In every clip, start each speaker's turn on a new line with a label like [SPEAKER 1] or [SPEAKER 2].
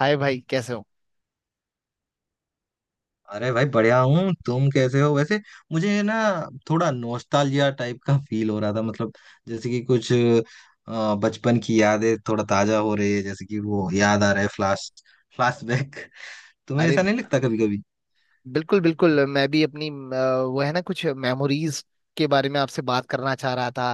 [SPEAKER 1] हाय भाई, कैसे हो।
[SPEAKER 2] अरे भाई बढ़िया हूँ। तुम कैसे हो वैसे। मुझे ना थोड़ा नोस्टाल्जिया टाइप का फील हो रहा था मतलब। जैसे कि कुछ बचपन की यादें थोड़ा ताजा हो रही है, जैसे कि वो याद आ रहा है, फ्लैशबैक। तुम्हें
[SPEAKER 1] अरे
[SPEAKER 2] ऐसा नहीं लगता कभी कभी?
[SPEAKER 1] बिल्कुल बिल्कुल, मैं भी अपनी वो है ना कुछ मेमोरीज के बारे में आपसे बात करना चाह रहा था।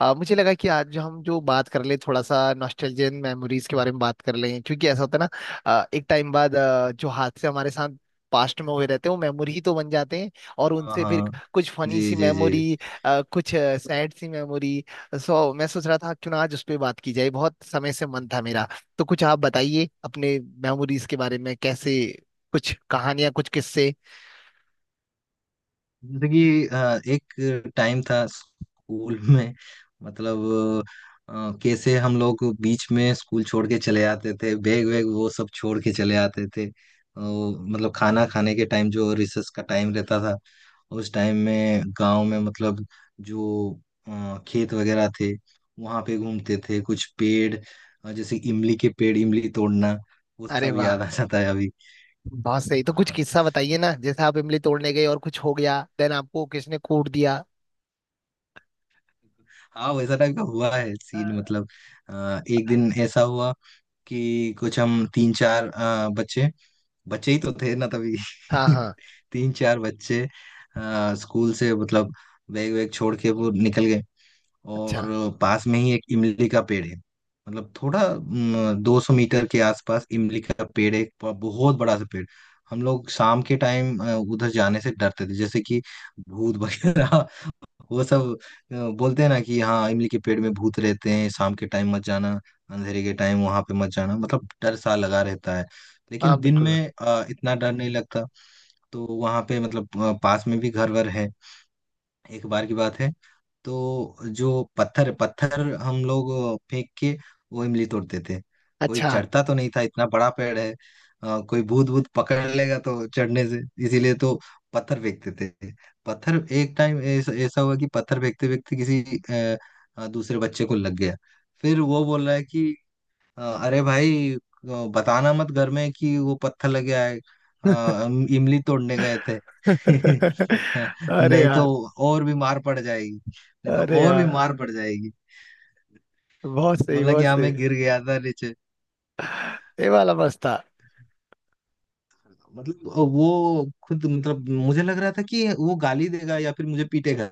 [SPEAKER 1] मुझे लगा कि आज जो हम जो बात कर ले, थोड़ा सा नॉस्टैल्जियन मेमोरीज के बारे में बात कर लें, क्योंकि ऐसा होता है ना। एक टाइम बाद जो हादसे हमारे साथ पास्ट में हुए रहते हैं वो मेमोरी ही तो बन जाते हैं, और
[SPEAKER 2] हाँ,
[SPEAKER 1] उनसे फिर
[SPEAKER 2] हाँ।
[SPEAKER 1] कुछ फनी
[SPEAKER 2] जी,
[SPEAKER 1] सी
[SPEAKER 2] जी, जी।
[SPEAKER 1] मेमोरी, कुछ सैड सी मेमोरी। सो मैं सोच रहा था क्यों ना आज उस पर बात की जाए, बहुत समय से मन था मेरा। तो कुछ आप बताइए अपने मेमोरीज के बारे में, कैसे, कुछ कहानियां, कुछ किस्से।
[SPEAKER 2] जैसे कि एक टाइम था स्कूल में, मतलब अ, कैसे हम लोग बीच में स्कूल छोड़ के चले आते थे, बैग वैग वो सब छोड़ के चले आते थे। मतलब खाना खाने के टाइम जो रिसेस का टाइम रहता था, उस टाइम में गांव में, मतलब जो खेत वगैरह थे, वहां पे घूमते थे। कुछ पेड़, जैसे इमली के पेड़, इमली तोड़ना, वो
[SPEAKER 1] अरे
[SPEAKER 2] सब याद
[SPEAKER 1] वाह,
[SPEAKER 2] आ जाता है अभी।
[SPEAKER 1] बहुत सही। तो
[SPEAKER 2] हाँ,
[SPEAKER 1] कुछ
[SPEAKER 2] हाँ।
[SPEAKER 1] किस्सा बताइए ना, जैसे आप इमली तोड़ने गए और कुछ हो गया, देन आपको किसने कूट दिया।
[SPEAKER 2] हाँ, वैसा टाइप का हुआ है सीन।
[SPEAKER 1] अ,
[SPEAKER 2] मतलब एक दिन ऐसा हुआ कि कुछ हम तीन चार बच्चे, बच्चे ही तो थे ना तभी।
[SPEAKER 1] हाँ हाँ।
[SPEAKER 2] तीन चार बच्चे स्कूल से, मतलब बैग वैग छोड़ के वो निकल गए।
[SPEAKER 1] अच्छा।
[SPEAKER 2] और पास में ही एक इमली का पेड़ है, मतलब थोड़ा 200 मीटर के आसपास इमली का पेड़ है, एक बहुत बड़ा सा पेड़। हम लोग शाम के टाइम उधर जाने से डरते थे, जैसे कि भूत वगैरह वो सब। बोलते हैं ना कि हाँ, इमली के पेड़ में भूत रहते हैं, शाम के टाइम मत जाना, अंधेरे के टाइम वहां पे मत जाना, मतलब डर सा लगा रहता है।
[SPEAKER 1] हाँ
[SPEAKER 2] लेकिन दिन में
[SPEAKER 1] बिल्कुल।
[SPEAKER 2] इतना डर नहीं लगता। तो वहां पे मतलब पास में भी घर वर है। एक बार की बात है, तो जो पत्थर पत्थर हम लोग फेंक के वो इमली तोड़ते थे। कोई
[SPEAKER 1] अच्छा।
[SPEAKER 2] चढ़ता तो नहीं था, इतना बड़ा पेड़ है, कोई भूत भूत पकड़ लेगा तो चढ़ने से, इसीलिए तो पत्थर फेंकते थे। पत्थर एक टाइम ऐसा ऐसा हुआ कि पत्थर फेंकते फेंकते किसी अ, दूसरे बच्चे को लग गया। फिर वो बोल रहा है कि अरे भाई, बताना मत घर में कि वो पत्थर लग गया है, इमली तोड़ने गए थे। हाँ।
[SPEAKER 1] अरे
[SPEAKER 2] नहीं तो
[SPEAKER 1] यार।
[SPEAKER 2] और भी मार पड़ जाएगी, नहीं तो
[SPEAKER 1] अरे
[SPEAKER 2] और भी
[SPEAKER 1] यार,
[SPEAKER 2] मार पड़ जाएगी।
[SPEAKER 1] बहुत सही
[SPEAKER 2] बोला कि
[SPEAKER 1] बहुत
[SPEAKER 2] हाँ,
[SPEAKER 1] सही।
[SPEAKER 2] मैं गिर गया था नीचे।
[SPEAKER 1] ये वाला मस्त था।
[SPEAKER 2] मतलब वो खुद, मतलब मुझे लग रहा था कि वो गाली देगा या फिर मुझे पीटेगा।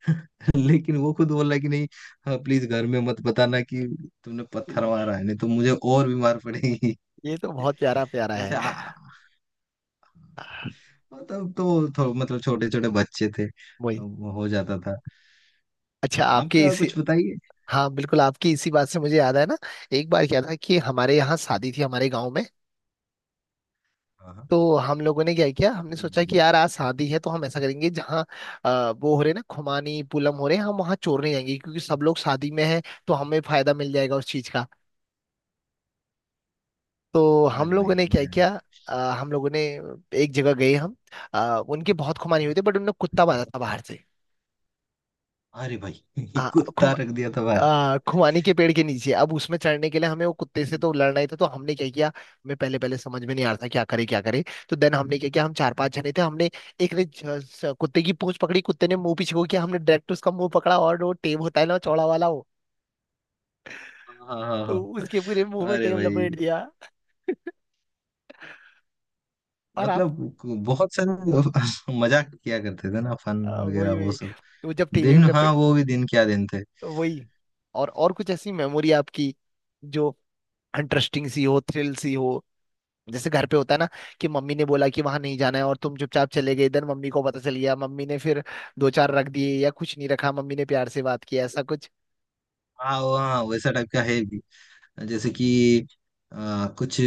[SPEAKER 2] लेकिन वो खुद बोला कि नहीं, प्लीज घर में मत बताना कि तुमने पत्थर मारा है, नहीं तो मुझे और भी मार पड़ेगी।
[SPEAKER 1] ये तो बहुत प्यारा प्यारा है।
[SPEAKER 2] वैसे मतलब तो मतलब छोटे छोटे बच्चे थे,
[SPEAKER 1] वही।
[SPEAKER 2] अब हो जाता था।
[SPEAKER 1] अच्छा आपके
[SPEAKER 2] आपका
[SPEAKER 1] इसी,
[SPEAKER 2] कुछ बताइए।
[SPEAKER 1] हाँ बिल्कुल, आपकी इसी बात से मुझे याद है ना, एक बार क्या था कि हमारे यहाँ शादी थी, हमारे गाँव में।
[SPEAKER 2] हाँ, हाँ।
[SPEAKER 1] तो हम लोगों ने क्या किया, हमने
[SPEAKER 2] जी,
[SPEAKER 1] सोचा
[SPEAKER 2] जी,
[SPEAKER 1] कि
[SPEAKER 2] जी।
[SPEAKER 1] यार आज शादी है तो हम ऐसा करेंगे जहाँ वो हो रहे ना खुमानी पूनम हो रहे हैं, हम वहाँ चोरने जाएंगे क्योंकि सब लोग शादी में हैं, तो हमें फायदा मिल जाएगा उस चीज का। तो हम
[SPEAKER 2] अरे
[SPEAKER 1] लोगों
[SPEAKER 2] भाई
[SPEAKER 1] ने क्या
[SPEAKER 2] बढ़िया।
[SPEAKER 1] किया, अ, हम लोगों ने एक जगह गए हम। उनके बहुत खुमानी हुई थी, बट उनने कुत्ता बांधा था बाहर
[SPEAKER 2] अरे भाई
[SPEAKER 1] से।
[SPEAKER 2] कुत्ता रख दिया था बाहर।
[SPEAKER 1] आ, खुमानी के पेड़ के नीचे, अब उसमें चढ़ने के लिए हमें वो कुत्ते से तो लड़ना ही था। तो हमने क्या किया, हमें पहले पहले समझ में नहीं आ रहा था क्या करे क्या करे। तो देन हमने क्या किया, हम चार पांच जने थे, हमने एक ने कुत्ते की पूंछ पकड़ी, कुत्ते ने मुंह पीछे को किया, हमने डायरेक्ट उसका मुंह पकड़ा, और वो टेप होता है ना चौड़ा वाला वो,
[SPEAKER 2] हाँ, हाँ,
[SPEAKER 1] तो
[SPEAKER 2] हाँ।
[SPEAKER 1] उसके पूरे मुंह में
[SPEAKER 2] अरे
[SPEAKER 1] टेप लपेट
[SPEAKER 2] भाई
[SPEAKER 1] दिया। और आप,
[SPEAKER 2] मतलब बहुत सारे मजाक किया करते थे ना, फन
[SPEAKER 1] आ,
[SPEAKER 2] वगैरह
[SPEAKER 1] वही
[SPEAKER 2] वो
[SPEAKER 1] वही।
[SPEAKER 2] सब।
[SPEAKER 1] तो जब टेप
[SPEAKER 2] दिन,
[SPEAKER 1] वेप
[SPEAKER 2] हाँ
[SPEAKER 1] लपेट।
[SPEAKER 2] वो भी दिन, क्या दिन थे।
[SPEAKER 1] तो वही। और कुछ ऐसी मेमोरी आपकी जो इंटरेस्टिंग सी हो, थ्रिल सी हो। जैसे घर पे होता है ना कि मम्मी ने बोला कि वहां नहीं जाना है, और तुम चुपचाप चले गए, इधर मम्मी को पता चल गया, मम्मी ने फिर दो चार रख दिए, या कुछ नहीं रखा, मम्मी ने प्यार से बात किया, ऐसा कुछ।
[SPEAKER 2] हाँ, वो हाँ वैसा टाइप का है, जैसे कि अ, कुछ,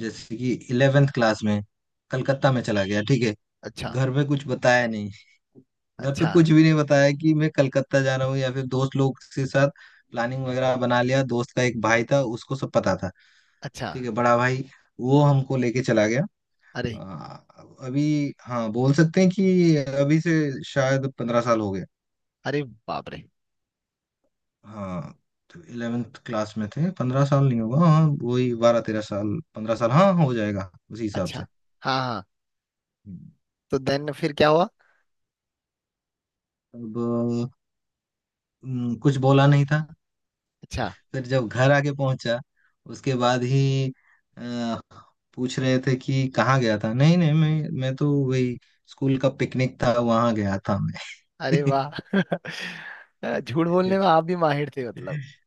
[SPEAKER 2] जैसे कि इलेवेंथ क्लास में कलकत्ता में चला गया, ठीक है।
[SPEAKER 1] अच्छा।
[SPEAKER 2] घर में कुछ बताया नहीं, घर पे
[SPEAKER 1] अच्छा।
[SPEAKER 2] कुछ भी नहीं बताया कि मैं कलकत्ता जा रहा हूँ, या फिर दोस्त लोग के साथ प्लानिंग वगैरह बना लिया। दोस्त का एक भाई था उसको सब पता था,
[SPEAKER 1] अच्छा।
[SPEAKER 2] ठीक है, बड़ा भाई, वो हमको लेके चला गया।
[SPEAKER 1] अरे।
[SPEAKER 2] अ, अभी, हाँ बोल सकते हैं कि अभी से शायद 15 साल हो गए।
[SPEAKER 1] अरे बाप रे।
[SPEAKER 2] हाँ, तो इलेवेंथ क्लास में थे, 15 साल नहीं होगा, हाँ वही 12 13 साल, 15 साल हाँ हो जाएगा उसी हिसाब से।
[SPEAKER 1] अच्छा। हाँ हाँ।
[SPEAKER 2] हम्म,
[SPEAKER 1] तो देन फिर क्या हुआ।
[SPEAKER 2] अब कुछ बोला नहीं था।
[SPEAKER 1] अच्छा।
[SPEAKER 2] फिर जब घर आके पहुंचा उसके बाद ही अ, पूछ रहे थे कि कहाँ गया था। नहीं नहीं, मैं तो वही स्कूल का पिकनिक था वहां गया था,
[SPEAKER 1] अरे वाह। झूठ
[SPEAKER 2] मैं।
[SPEAKER 1] बोलने में आप भी माहिर थे मतलब।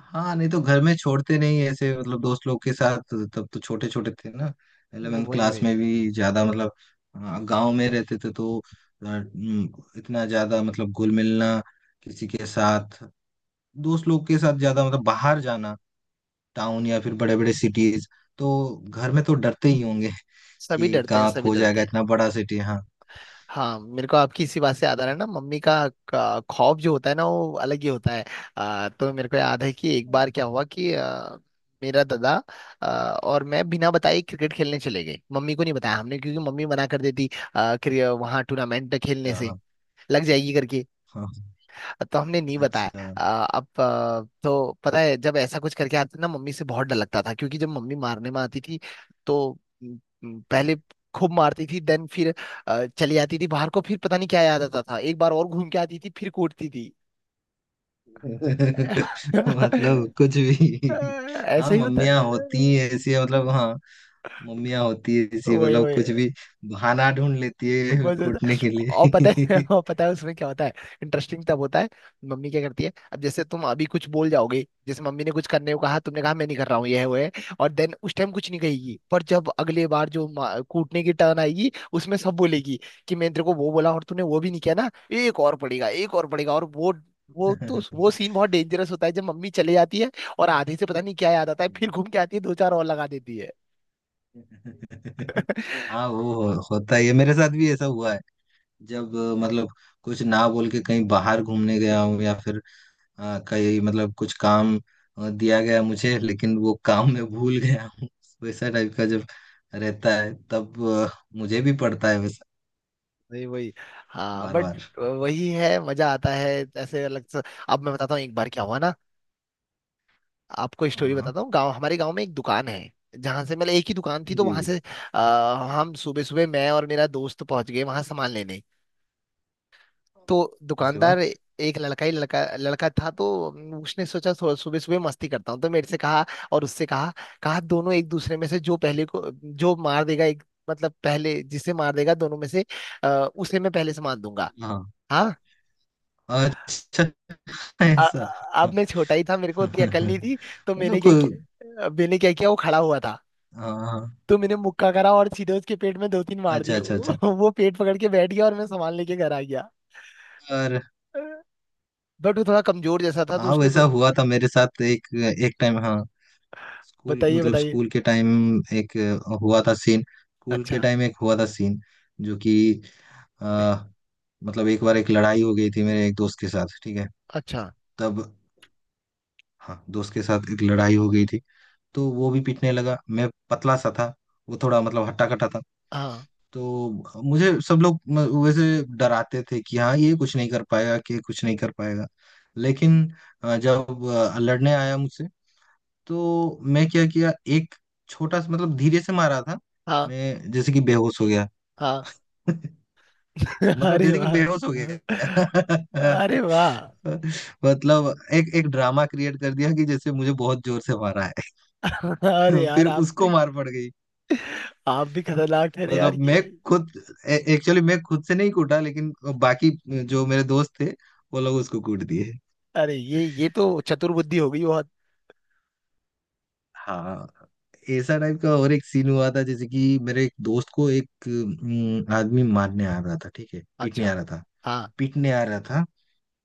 [SPEAKER 2] हाँ, नहीं तो घर में छोड़ते नहीं ऐसे, मतलब दोस्त लोग के साथ तब तो छोटे छोटे थे ना। 11th
[SPEAKER 1] वही
[SPEAKER 2] क्लास
[SPEAKER 1] वही।
[SPEAKER 2] में भी ज्यादा मतलब गांव में रहते थे तो इतना ज्यादा मतलब घुल मिलना किसी के साथ, दोस्त लोग के साथ ज्यादा मतलब बाहर जाना, टाउन या फिर बड़े बड़े सिटीज, तो घर में तो डरते ही होंगे।
[SPEAKER 1] सभी
[SPEAKER 2] कि
[SPEAKER 1] डरते हैं
[SPEAKER 2] कहाँ
[SPEAKER 1] सभी
[SPEAKER 2] खो
[SPEAKER 1] डरते
[SPEAKER 2] जाएगा,
[SPEAKER 1] हैं।
[SPEAKER 2] इतना बड़ा सिटी, हाँ।
[SPEAKER 1] हाँ मेरे को आपकी इसी बात से याद आ रहा है ना, मम्मी का खौफ जो होता है ना, वो अलग ही होता है। आ, तो मेरे को याद है कि एक बार क्या हुआ कि आ, मेरा दादा आ, और मैं बिना बताए क्रिकेट खेलने चले गए, मम्मी को नहीं बताया हमने क्योंकि मम्मी मना कर देती। आ, वहां टूर्नामेंट खेलने
[SPEAKER 2] अच्छा,
[SPEAKER 1] से
[SPEAKER 2] हाँ,
[SPEAKER 1] लग जाएगी करके।
[SPEAKER 2] हाँ, हाँ।
[SPEAKER 1] तो हमने नहीं बताया।
[SPEAKER 2] अच्छा।
[SPEAKER 1] अब तो पता है जब ऐसा कुछ करके आते ना, मम्मी से बहुत डर लगता था, क्योंकि जब मम्मी मारने में आती थी तो म, म, पहले खूब मारती थी, देन फिर चली जाती थी बाहर को, फिर पता नहीं क्या याद आता था, एक बार और घूम के आती थी फिर कूटती थी।
[SPEAKER 2] मतलब कुछ भी। हाँ,
[SPEAKER 1] ऐसे ही होता
[SPEAKER 2] मम्मियाँ
[SPEAKER 1] है।
[SPEAKER 2] होती है ऐसी, मतलब हाँ, मम्मियाँ होती है ऐसी,
[SPEAKER 1] वही
[SPEAKER 2] मतलब
[SPEAKER 1] वही।
[SPEAKER 2] कुछ भी बहाना ढूंढ लेती है
[SPEAKER 1] मजेदार।
[SPEAKER 2] कूटने के
[SPEAKER 1] और पता है,
[SPEAKER 2] लिए।
[SPEAKER 1] और पता है उसमें क्या होता है, इंटरेस्टिंग तब होता है। मम्मी क्या करती है, अब जैसे तुम अभी कुछ बोल जाओगे, जैसे मम्मी ने कुछ करने को कहा, तुमने कहा मैं नहीं कर रहा हूँ, ये है वो है, और देन उस टाइम कुछ नहीं कहेगी, पर जब अगले बार जो कूटने की टर्न आएगी, उसमें सब बोलेगी कि मैं तेरे को वो बोला और तूने वो भी नहीं किया ना, एक और पड़ेगा एक और पड़ेगा। और वो तो वो सीन बहुत डेंजरस होता है जब मम्मी चले जाती है, और आधे से पता नहीं क्या याद आता है, फिर घूम के आती है दो चार और लगा देती है।
[SPEAKER 2] हाँ होता ही है, मेरे साथ भी ऐसा हुआ है। जब मतलब कुछ ना बोल के कहीं बाहर घूमने गया हूँ, या फिर हाँ कई मतलब कुछ काम दिया गया मुझे लेकिन वो काम मैं भूल गया हूँ, वैसा टाइप का जब रहता है तब मुझे भी पड़ता है वैसा,
[SPEAKER 1] नहीं वही। हाँ
[SPEAKER 2] बार
[SPEAKER 1] बट
[SPEAKER 2] बार।
[SPEAKER 1] वही है, मजा आता है ऐसे अलग से। अब मैं बताता हूँ एक बार क्या हुआ ना, आपको स्टोरी
[SPEAKER 2] हाँ
[SPEAKER 1] बताता हूँ। गांव, हमारे गांव में एक दुकान है जहां से, मतलब एक ही दुकान थी तो वहां
[SPEAKER 2] जी।
[SPEAKER 1] से आ, हम सुबह सुबह, मैं और मेरा दोस्त पहुंच गए वहां सामान लेने। तो
[SPEAKER 2] उसके
[SPEAKER 1] दुकानदार
[SPEAKER 2] बाद,
[SPEAKER 1] एक लड़का, ही लड़का लड़का था। तो उसने सोचा सुबह सुबह मस्ती करता हूँ, तो मेरे से कहा और उससे कहा, कहा दोनों एक दूसरे में से जो पहले को जो मार देगा एक, मतलब पहले जिसे मार देगा दोनों में से आ, उसे मैं पहले सामान दूंगा।
[SPEAKER 2] हाँ।
[SPEAKER 1] हाँ?
[SPEAKER 2] अच्छा।
[SPEAKER 1] आ,
[SPEAKER 2] ऐसा।
[SPEAKER 1] अब मैं छोटा ही था, मेरे को उतनी अकल नहीं थी। तो
[SPEAKER 2] मतलब
[SPEAKER 1] मैंने क्या
[SPEAKER 2] कोई।
[SPEAKER 1] किया मैंने क्या किया, वो खड़ा हुआ था,
[SPEAKER 2] हाँ, हाँ।
[SPEAKER 1] तो मैंने मुक्का करा और सीधे उसके पेट में दो तीन मार
[SPEAKER 2] अच्छा,
[SPEAKER 1] दिए।
[SPEAKER 2] अच्छा, अच्छा।
[SPEAKER 1] वो पेट पकड़ के बैठ गया और मैं सामान लेके घर आ गया।
[SPEAKER 2] और
[SPEAKER 1] बट वो थोड़ा कमजोर जैसा था, तो
[SPEAKER 2] हाँ
[SPEAKER 1] उसने
[SPEAKER 2] वैसा
[SPEAKER 1] दो,
[SPEAKER 2] हुआ था मेरे साथ एक, एक टाइम हाँ, स्कूल,
[SPEAKER 1] बताइए
[SPEAKER 2] मतलब
[SPEAKER 1] बताइए।
[SPEAKER 2] स्कूल के टाइम। एक हुआ था सीन, स्कूल के
[SPEAKER 1] अच्छा।
[SPEAKER 2] टाइम एक हुआ था सीन जो कि अ,
[SPEAKER 1] नहीं।
[SPEAKER 2] मतलब एक बार एक लड़ाई हो गई थी मेरे एक दोस्त के साथ, ठीक है।
[SPEAKER 1] अच्छा।
[SPEAKER 2] तब हाँ, दोस्त के साथ एक लड़ाई हो गई थी, तो वो भी पीटने लगा, मैं पतला सा था, वो थोड़ा मतलब हट्टा कट्टा था।
[SPEAKER 1] हाँ
[SPEAKER 2] तो मुझे सब लोग वैसे डराते थे कि हाँ, ये कुछ नहीं कर पाएगा, कि ये कुछ नहीं कर पाएगा। लेकिन जब लड़ने आया मुझसे, तो मैं क्या किया, एक छोटा सा मतलब धीरे से मारा था,
[SPEAKER 1] हाँ
[SPEAKER 2] मैं जैसे कि बेहोश हो गया।
[SPEAKER 1] हाँ।
[SPEAKER 2] मतलब
[SPEAKER 1] अरे
[SPEAKER 2] जैसे कि
[SPEAKER 1] वाह।
[SPEAKER 2] बेहोश हो गया।
[SPEAKER 1] अरे वाह।
[SPEAKER 2] मतलब एक एक ड्रामा क्रिएट कर दिया कि जैसे मुझे बहुत जोर से मारा
[SPEAKER 1] अरे
[SPEAKER 2] है। फिर
[SPEAKER 1] यार आप
[SPEAKER 2] उसको
[SPEAKER 1] भी,
[SPEAKER 2] मार पड़ गई।
[SPEAKER 1] आप भी खतरनाक ठहरे यार
[SPEAKER 2] मतलब मैं
[SPEAKER 1] ये।
[SPEAKER 2] खुद, एक्चुअली मैं खुद से नहीं कूटा, लेकिन बाकी जो मेरे दोस्त थे वो लोग उसको कूट दिए।
[SPEAKER 1] अरे ये तो चतुर बुद्धि हो गई बहुत।
[SPEAKER 2] हाँ। ऐसा टाइप का और एक सीन हुआ था, जैसे कि मेरे एक दोस्त को एक आदमी मारने आ रहा था, ठीक है, पीटने आ
[SPEAKER 1] अच्छा।
[SPEAKER 2] रहा था।
[SPEAKER 1] हाँ।
[SPEAKER 2] पीटने आ रहा था,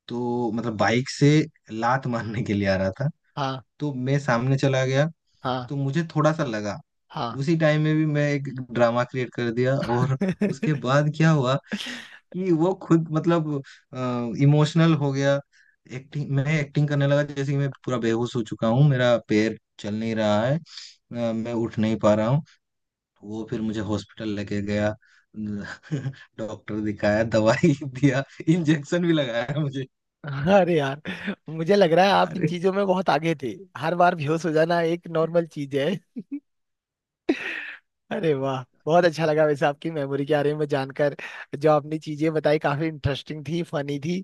[SPEAKER 2] तो मतलब बाइक से लात मारने के लिए आ रहा था।
[SPEAKER 1] हाँ
[SPEAKER 2] तो मैं सामने चला गया,
[SPEAKER 1] हाँ
[SPEAKER 2] तो मुझे थोड़ा सा लगा,
[SPEAKER 1] हाँ।
[SPEAKER 2] उसी टाइम में भी मैं एक ड्रामा क्रिएट कर दिया। और उसके बाद क्या हुआ कि वो खुद मतलब इमोशनल हो गया। एक्टिंग मैं एक्टिंग करने लगा जैसे कि मैं पूरा बेहोश हो चुका हूँ, मेरा पैर चल नहीं रहा है, मैं उठ नहीं पा रहा हूँ। वो फिर मुझे हॉस्पिटल लेके गया, डॉक्टर दिखाया, दवाई दिया, इंजेक्शन भी लगाया मुझे।
[SPEAKER 1] अरे यार, मुझे लग रहा है आप इन
[SPEAKER 2] अरे
[SPEAKER 1] चीजों में बहुत आगे थे। हर बार बेहोश हो जाना एक नॉर्मल चीज है। अरे वाह बहुत अच्छा लगा, वैसे आपकी मेमोरी के बारे में जानकर। जो आपने चीजें बताई काफी इंटरेस्टिंग थी, फनी थी।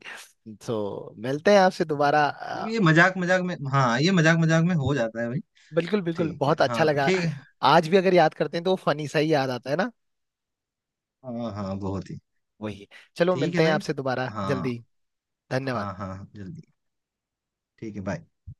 [SPEAKER 1] तो मिलते हैं आपसे दोबारा।
[SPEAKER 2] ये मजाक मजाक में, हाँ ये मजाक मजाक में हो जाता है भाई।
[SPEAKER 1] बिल्कुल बिल्कुल,
[SPEAKER 2] ठीक है,
[SPEAKER 1] बहुत अच्छा
[SPEAKER 2] हाँ
[SPEAKER 1] लगा।
[SPEAKER 2] ठीक है।
[SPEAKER 1] आज भी अगर याद करते हैं तो फनी सा ही याद आता है ना।
[SPEAKER 2] हाँ, हाँ बहुत ही।
[SPEAKER 1] वही। चलो
[SPEAKER 2] ठीक है
[SPEAKER 1] मिलते हैं
[SPEAKER 2] भाई।
[SPEAKER 1] आपसे दोबारा
[SPEAKER 2] हाँ,
[SPEAKER 1] जल्दी। धन्यवाद।
[SPEAKER 2] हाँ, हाँ जल्दी। ठीक है, बाय।